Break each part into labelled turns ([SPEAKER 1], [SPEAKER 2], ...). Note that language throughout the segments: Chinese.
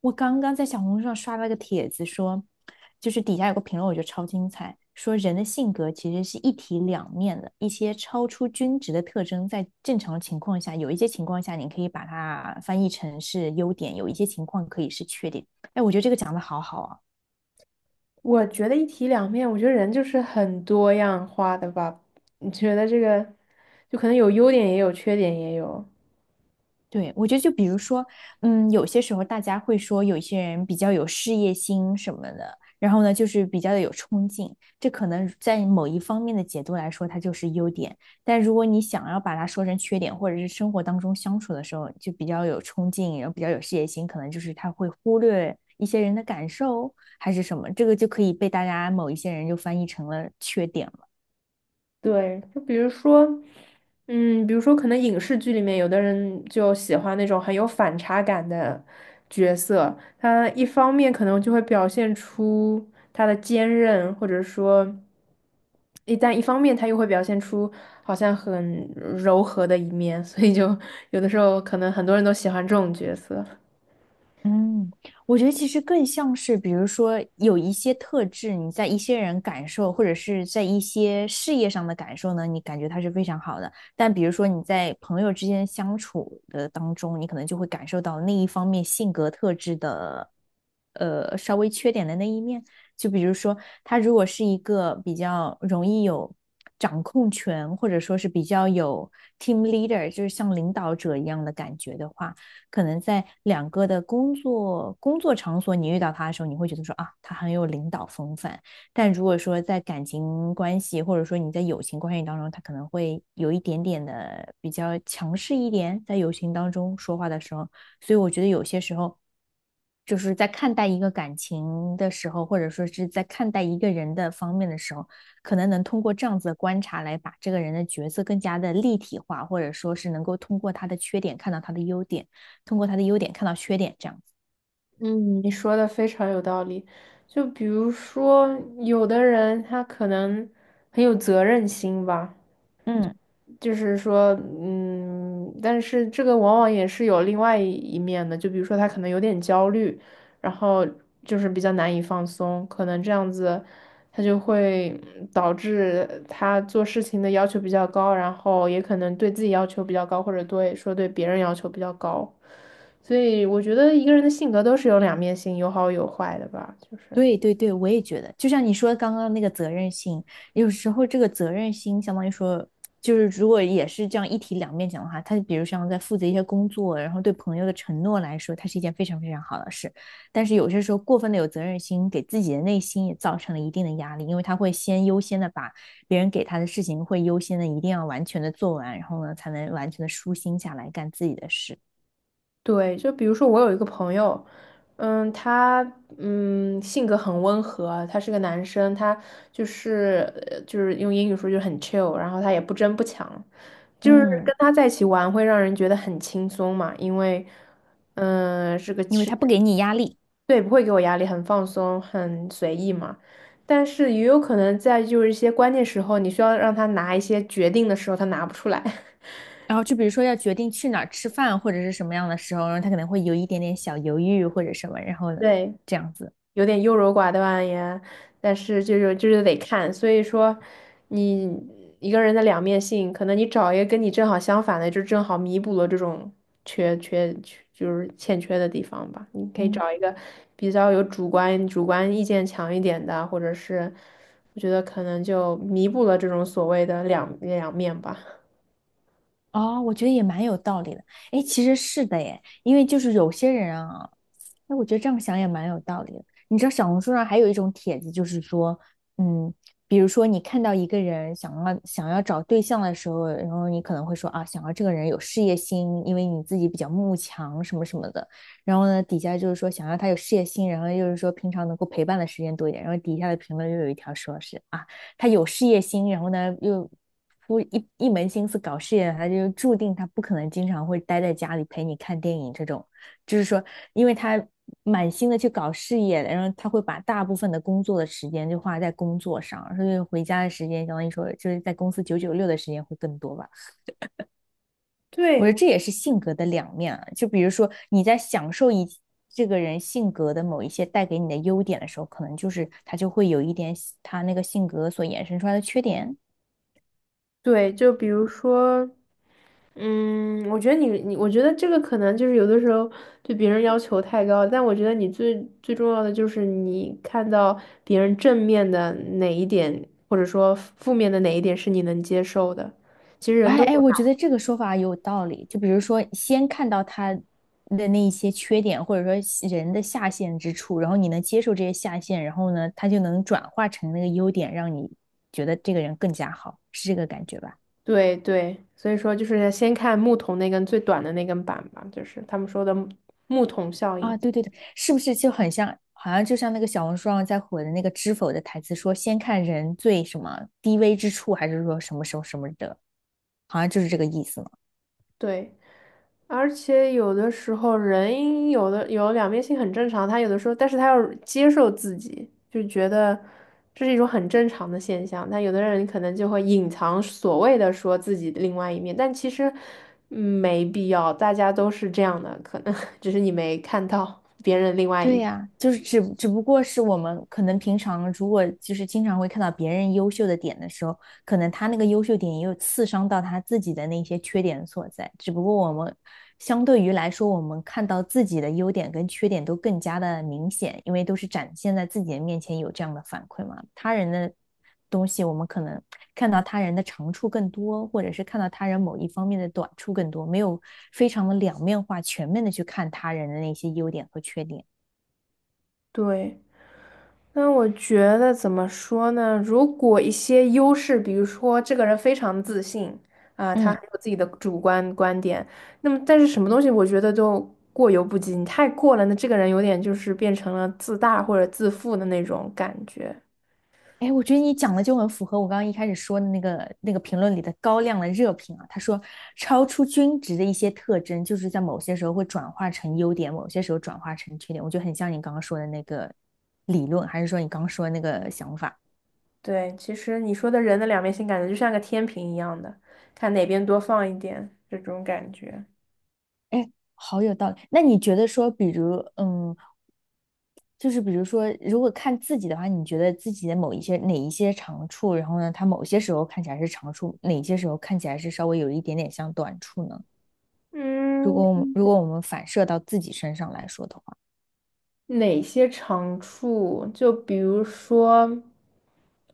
[SPEAKER 1] 我刚刚在小红书上刷了个帖子说，就是底下有个评论，我觉得超精彩，说人的性格其实是一体两面的，一些超出均值的特征，在正常的情况下，有一些情况下你可以把它翻译成是优点，有一些情况可以是缺点。哎，我觉得这个讲的好好啊。
[SPEAKER 2] 我觉得一体两面，我觉得人就是很多样化的吧。你觉得这个，就可能有优点也有缺点也有。
[SPEAKER 1] 对，我觉得就比如说，有些时候大家会说有一些人比较有事业心什么的，然后呢，就是比较的有冲劲，这可能在某一方面的解读来说，它就是优点。但如果你想要把它说成缺点，或者是生活当中相处的时候就比较有冲劲，然后比较有事业心，可能就是他会忽略一些人的感受还是什么，这个就可以被大家某一些人就翻译成了缺点。
[SPEAKER 2] 对，就比如说，比如说可能影视剧里面有的人就喜欢那种很有反差感的角色。他一方面可能就会表现出他的坚韧，或者说，一旦一方面他又会表现出好像很柔和的一面，所以就 有的时候可能很多人都喜欢这种角色。
[SPEAKER 1] 嗯，我觉得其实更像是，比如说有一些特质，你在一些人感受，或者是在一些事业上的感受呢，你感觉它是非常好的。但比如说你在朋友之间相处的当中，你可能就会感受到那一方面性格特质的，稍微缺点的那一面。就比如说，他如果是一个比较容易有掌控权，或者说是比较有 team leader，就是像领导者一样的感觉的话。可能在两个的工作场所，你遇到他的时候，你会觉得说啊，他很有领导风范。但如果说在感情关系，或者说你在友情关系当中，他可能会有一点点的比较强势一点，在友情当中说话的时候，所以我觉得有些时候。就是在看待一个感情的时候，或者说是在看待一个人的方面的时候，可能能通过这样子的观察来把这个人的角色更加的立体化，或者说是能够通过他的缺点看到他的优点。通过他的优点看到缺点，这样子。
[SPEAKER 2] 嗯，你说的非常有道理。就比如说，有的人他可能很有责任心吧。
[SPEAKER 1] 嗯，
[SPEAKER 2] 就是说，但是这个往往也是有另外一面的，就比如说他可能有点焦虑，然后就是比较难以放松，可能这样子，他就会导致他做事情的要求比较高，然后也可能对自己要求比较高，或者对说对别人要求比较高，所以我觉得一个人的性格都是有两面性，有好有坏的吧，就是。
[SPEAKER 1] 对对对，我也觉得，就像你说刚刚那个责任心，有时候这个责任心相当于说，就是如果也是这样一体两面讲的话，他比如像在负责一些工作，然后对朋友的承诺来说，它是一件非常非常好的事。但是有些时候过分的有责任心，给自己的内心也造成了一定的压力，因为他会先优先的把别人给他的事情会优先的一定要完全的做完，然后呢才能完全的舒心下来干自己的事。
[SPEAKER 2] 对，就比如说我有一个朋友，他性格很温和，他是个男生，他就是就是用英语说就是很 chill,然后他也不争不抢，就是
[SPEAKER 1] 嗯，
[SPEAKER 2] 跟他在一起玩会让人觉得很轻松嘛，因为嗯是个
[SPEAKER 1] 因为
[SPEAKER 2] 是
[SPEAKER 1] 他不给你压力。
[SPEAKER 2] 对，不会给我压力，很放松，很随意嘛。但是也有可能在就是一些关键时候，你需要让他拿一些决定的时候，他拿不出来。
[SPEAKER 1] 然后就比如说要决定去哪儿吃饭或者是什么样的时候，然后他可能会有一点点小犹豫或者什么，然后呢，
[SPEAKER 2] 对。
[SPEAKER 1] 这样子，
[SPEAKER 2] 有点优柔寡断呀，但是就是得看，所以说你一个人的两面性，可能你找一个跟你正好相反的，就正好弥补了这种缺缺缺就是欠缺的地方吧。你可以
[SPEAKER 1] 嗯。
[SPEAKER 2] 找一个比较有主观意见强一点的，或者是我觉得可能就弥补了这种所谓的两面吧。
[SPEAKER 1] 哦，我觉得也蛮有道理的。哎，其实是的耶，因为就是有些人啊，哎，我觉得这样想也蛮有道理的。你知道小红书上还有一种帖子，就是说，嗯，比如说你看到一个人想要找对象的时候，然后你可能会说啊，想要这个人有事业心，因为你自己比较慕强什么什么的。然后呢，底下就是说想要他有事业心，然后又是说平常能够陪伴的时间多一点。然后底下的评论又有一条说是啊，他有事业心，然后呢又不一门心思搞事业，他就注定他不可能经常会待在家里陪你看电影这种。就是说，因为他满心的去搞事业，然后他会把大部分的工作的时间就花在工作上，所以回家的时间，相当于说就是在公司九九六的时间会更多吧。我
[SPEAKER 2] 对，
[SPEAKER 1] 觉得这也是性格的两面啊。就比如说你在享受一这个人性格的某一些带给你的优点的时候，可能就是他就会有一点他那个性格所衍生出来的缺点。
[SPEAKER 2] 对，就比如说。嗯，我觉得你，我觉得这个可能就是有的时候对别人要求太高，但我觉得你最重要的就是你看到别人正面的哪一点，或者说负面的哪一点是你能接受的。其实人
[SPEAKER 1] 哎
[SPEAKER 2] 都
[SPEAKER 1] 哎，
[SPEAKER 2] 有，
[SPEAKER 1] 我觉得这个说法有道理。就比如说，先看到他的那一些缺点，或者说是人的下限之处，然后你能接受这些下限，然后呢，他就能转化成那个优点，让你觉得这个人更加好，是这个感觉吧？
[SPEAKER 2] 对对，所以说就是先看木桶那根最短的那根板吧，就是他们说的木桶效应。
[SPEAKER 1] 啊，对对对，是不是就很像，好像就像那个小红书上在火的那个知否的台词说，先看人最什么低微之处，还是说什么什么什么的，好像就是这个意思嘛。
[SPEAKER 2] 对。而且有的时候人有的有两面性很正常，他有的时候，但是他要接受自己，就觉得这是一种很正常的现象。但有的人可能就会隐藏所谓的说自己的另外一面，但其实没必要，大家都是这样的，可能 只是你没看到别人另外
[SPEAKER 1] 对
[SPEAKER 2] 一。
[SPEAKER 1] 呀，就是只不过是我们可能平常如果就是经常会看到别人优秀的点的时候，可能他那个优秀点也有刺伤到他自己的那些缺点所在。只不过我们相对于来说，我们看到自己的优点跟缺点都更加的明显，因为都是展现在自己的面前有这样的反馈嘛。他人的东西，我们可能看到他人的长处更多，或者是看到他人某一方面的短处更多，没有非常的两面化、全面的去看他人的那些优点和缺点。
[SPEAKER 2] 对。那我觉得怎么说呢？如果一些优势，比如说这个人非常自信啊，他
[SPEAKER 1] 嗯，
[SPEAKER 2] 很有自己的主观观点，那么但是什么东西，我觉得都过犹不及。你太过了，那这个人有点就是变成了自大或者自负的那种感觉。
[SPEAKER 1] 哎，我觉得你讲的就很符合我刚刚一开始说的那个评论里的高亮的热评啊。他说，超出均值的一些特征，就是在某些时候会转化成优点，某些时候转化成缺点。我觉得很像你刚刚说的那个理论，还是说你刚刚说的那个想法？
[SPEAKER 2] 对，其实你说的人的两面性，感觉就像个天平一样的，看哪边多放一点这种感觉。
[SPEAKER 1] 哎，好有道理。那你觉得说，比如，就是比如说，如果看自己的话，你觉得自己的某一些哪一些长处，然后呢，他某些时候看起来是长处，哪些时候看起来是稍微有一点点像短处呢？
[SPEAKER 2] 嗯，
[SPEAKER 1] 如果我们反射到自己身上来说的话，
[SPEAKER 2] 哪些长处？就比如说，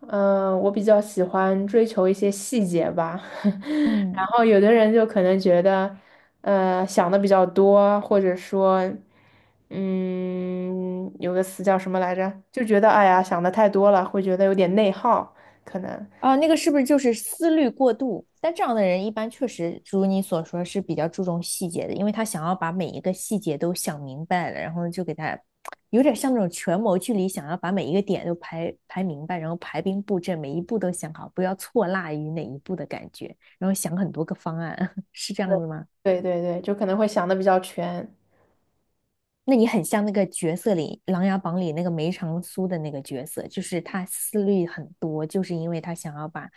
[SPEAKER 2] 嗯、我比较喜欢追求一些细节吧。然
[SPEAKER 1] 嗯，
[SPEAKER 2] 后有的人就可能觉得，想的比较多，或者说，嗯，有个词叫什么来着？就觉得哎呀，想的太多了，会觉得有点内耗，可能。
[SPEAKER 1] 啊，那个是不是就是思虑过度？但这样的人一般确实如你所说是比较注重细节的，因为他想要把每一个细节都想明白了，然后就给他有点像那种权谋剧里想要把每一个点都排明白，然后排兵布阵，每一步都想好，不要错落于哪一步的感觉，然后想很多个方案，是这样子吗？
[SPEAKER 2] 对对对对就可能会想的比较全。
[SPEAKER 1] 那你很像那个角色里《琅琊榜》里那个梅长苏的那个角色，就是他思虑很多，就是因为他想要把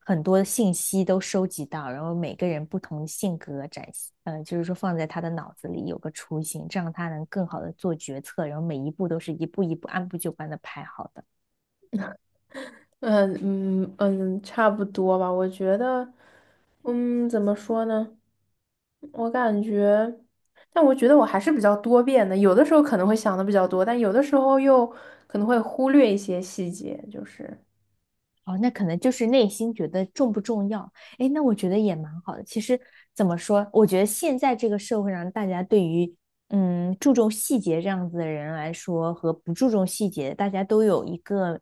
[SPEAKER 1] 很多信息都收集到，然后每个人不同性格展现，就是说放在他的脑子里有个雏形，这样他能更好的做决策，然后每一步都是一步一步按部就班的排好的。
[SPEAKER 2] 嗯嗯嗯，差不多吧。我觉得，嗯，怎么说呢？我感觉，但我觉得我还是比较多变的，有的时候可能会想的比较多，但有的时候又可能会忽略一些细节，就是
[SPEAKER 1] 哦，那可能就是内心觉得重不重要？哎，那我觉得也蛮好的。其实怎么说，我觉得现在这个社会上，大家对于注重细节这样子的人来说，和不注重细节，大家都有一个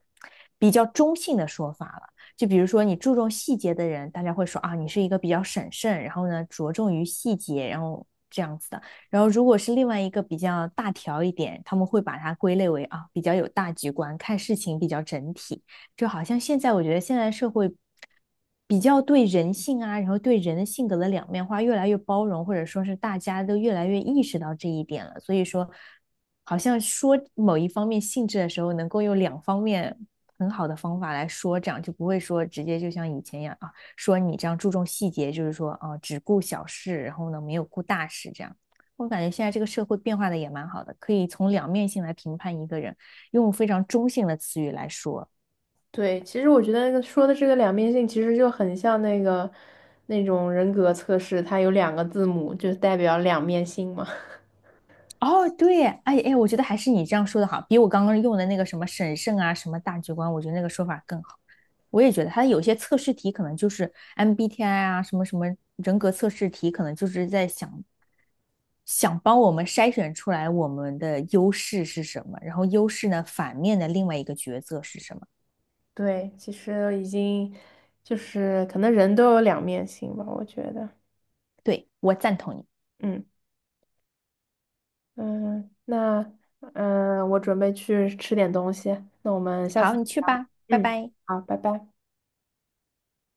[SPEAKER 1] 比较中性的说法了。就比如说，你注重细节的人，大家会说啊，你是一个比较审慎，然后呢着重于细节，然后这样子的。然后如果是另外一个比较大条一点，他们会把它归类为啊比较有大局观，看事情比较整体。就好像现在我觉得现在社会比较对人性啊，然后对人的性格的两面化越来越包容，或者说是大家都越来越意识到这一点了。所以说，好像说某一方面性质的时候，能够用两方面很好的方法来说，这样就不会说直接就像以前一样啊，说你这样注重细节，就是说啊，只顾小事，然后呢没有顾大事这样。我感觉现在这个社会变化的也蛮好的，可以从两面性来评判一个人，用非常中性的词语来说。
[SPEAKER 2] 对。其实我觉得说的这个两面性，其实就很像那个那种人格测试，它有两个字母，就代表两面性嘛。
[SPEAKER 1] 哦，对，哎哎，我觉得还是你这样说的好，比我刚刚用的那个什么审慎啊、什么大局观，我觉得那个说法更好。我也觉得它有些测试题可能就是 MBTI 啊，什么什么人格测试题，可能就是在想帮我们筛选出来我们的优势是什么，然后优势呢，反面的另外一个角色是什么。
[SPEAKER 2] 对，其实已经就是可能人都有两面性吧，我觉得。
[SPEAKER 1] 对，我赞同你。
[SPEAKER 2] 嗯。嗯，那嗯，我准备去吃点东西，那我们下
[SPEAKER 1] 好，
[SPEAKER 2] 次，
[SPEAKER 1] 你去吧，拜
[SPEAKER 2] 嗯，
[SPEAKER 1] 拜。
[SPEAKER 2] 好，拜拜。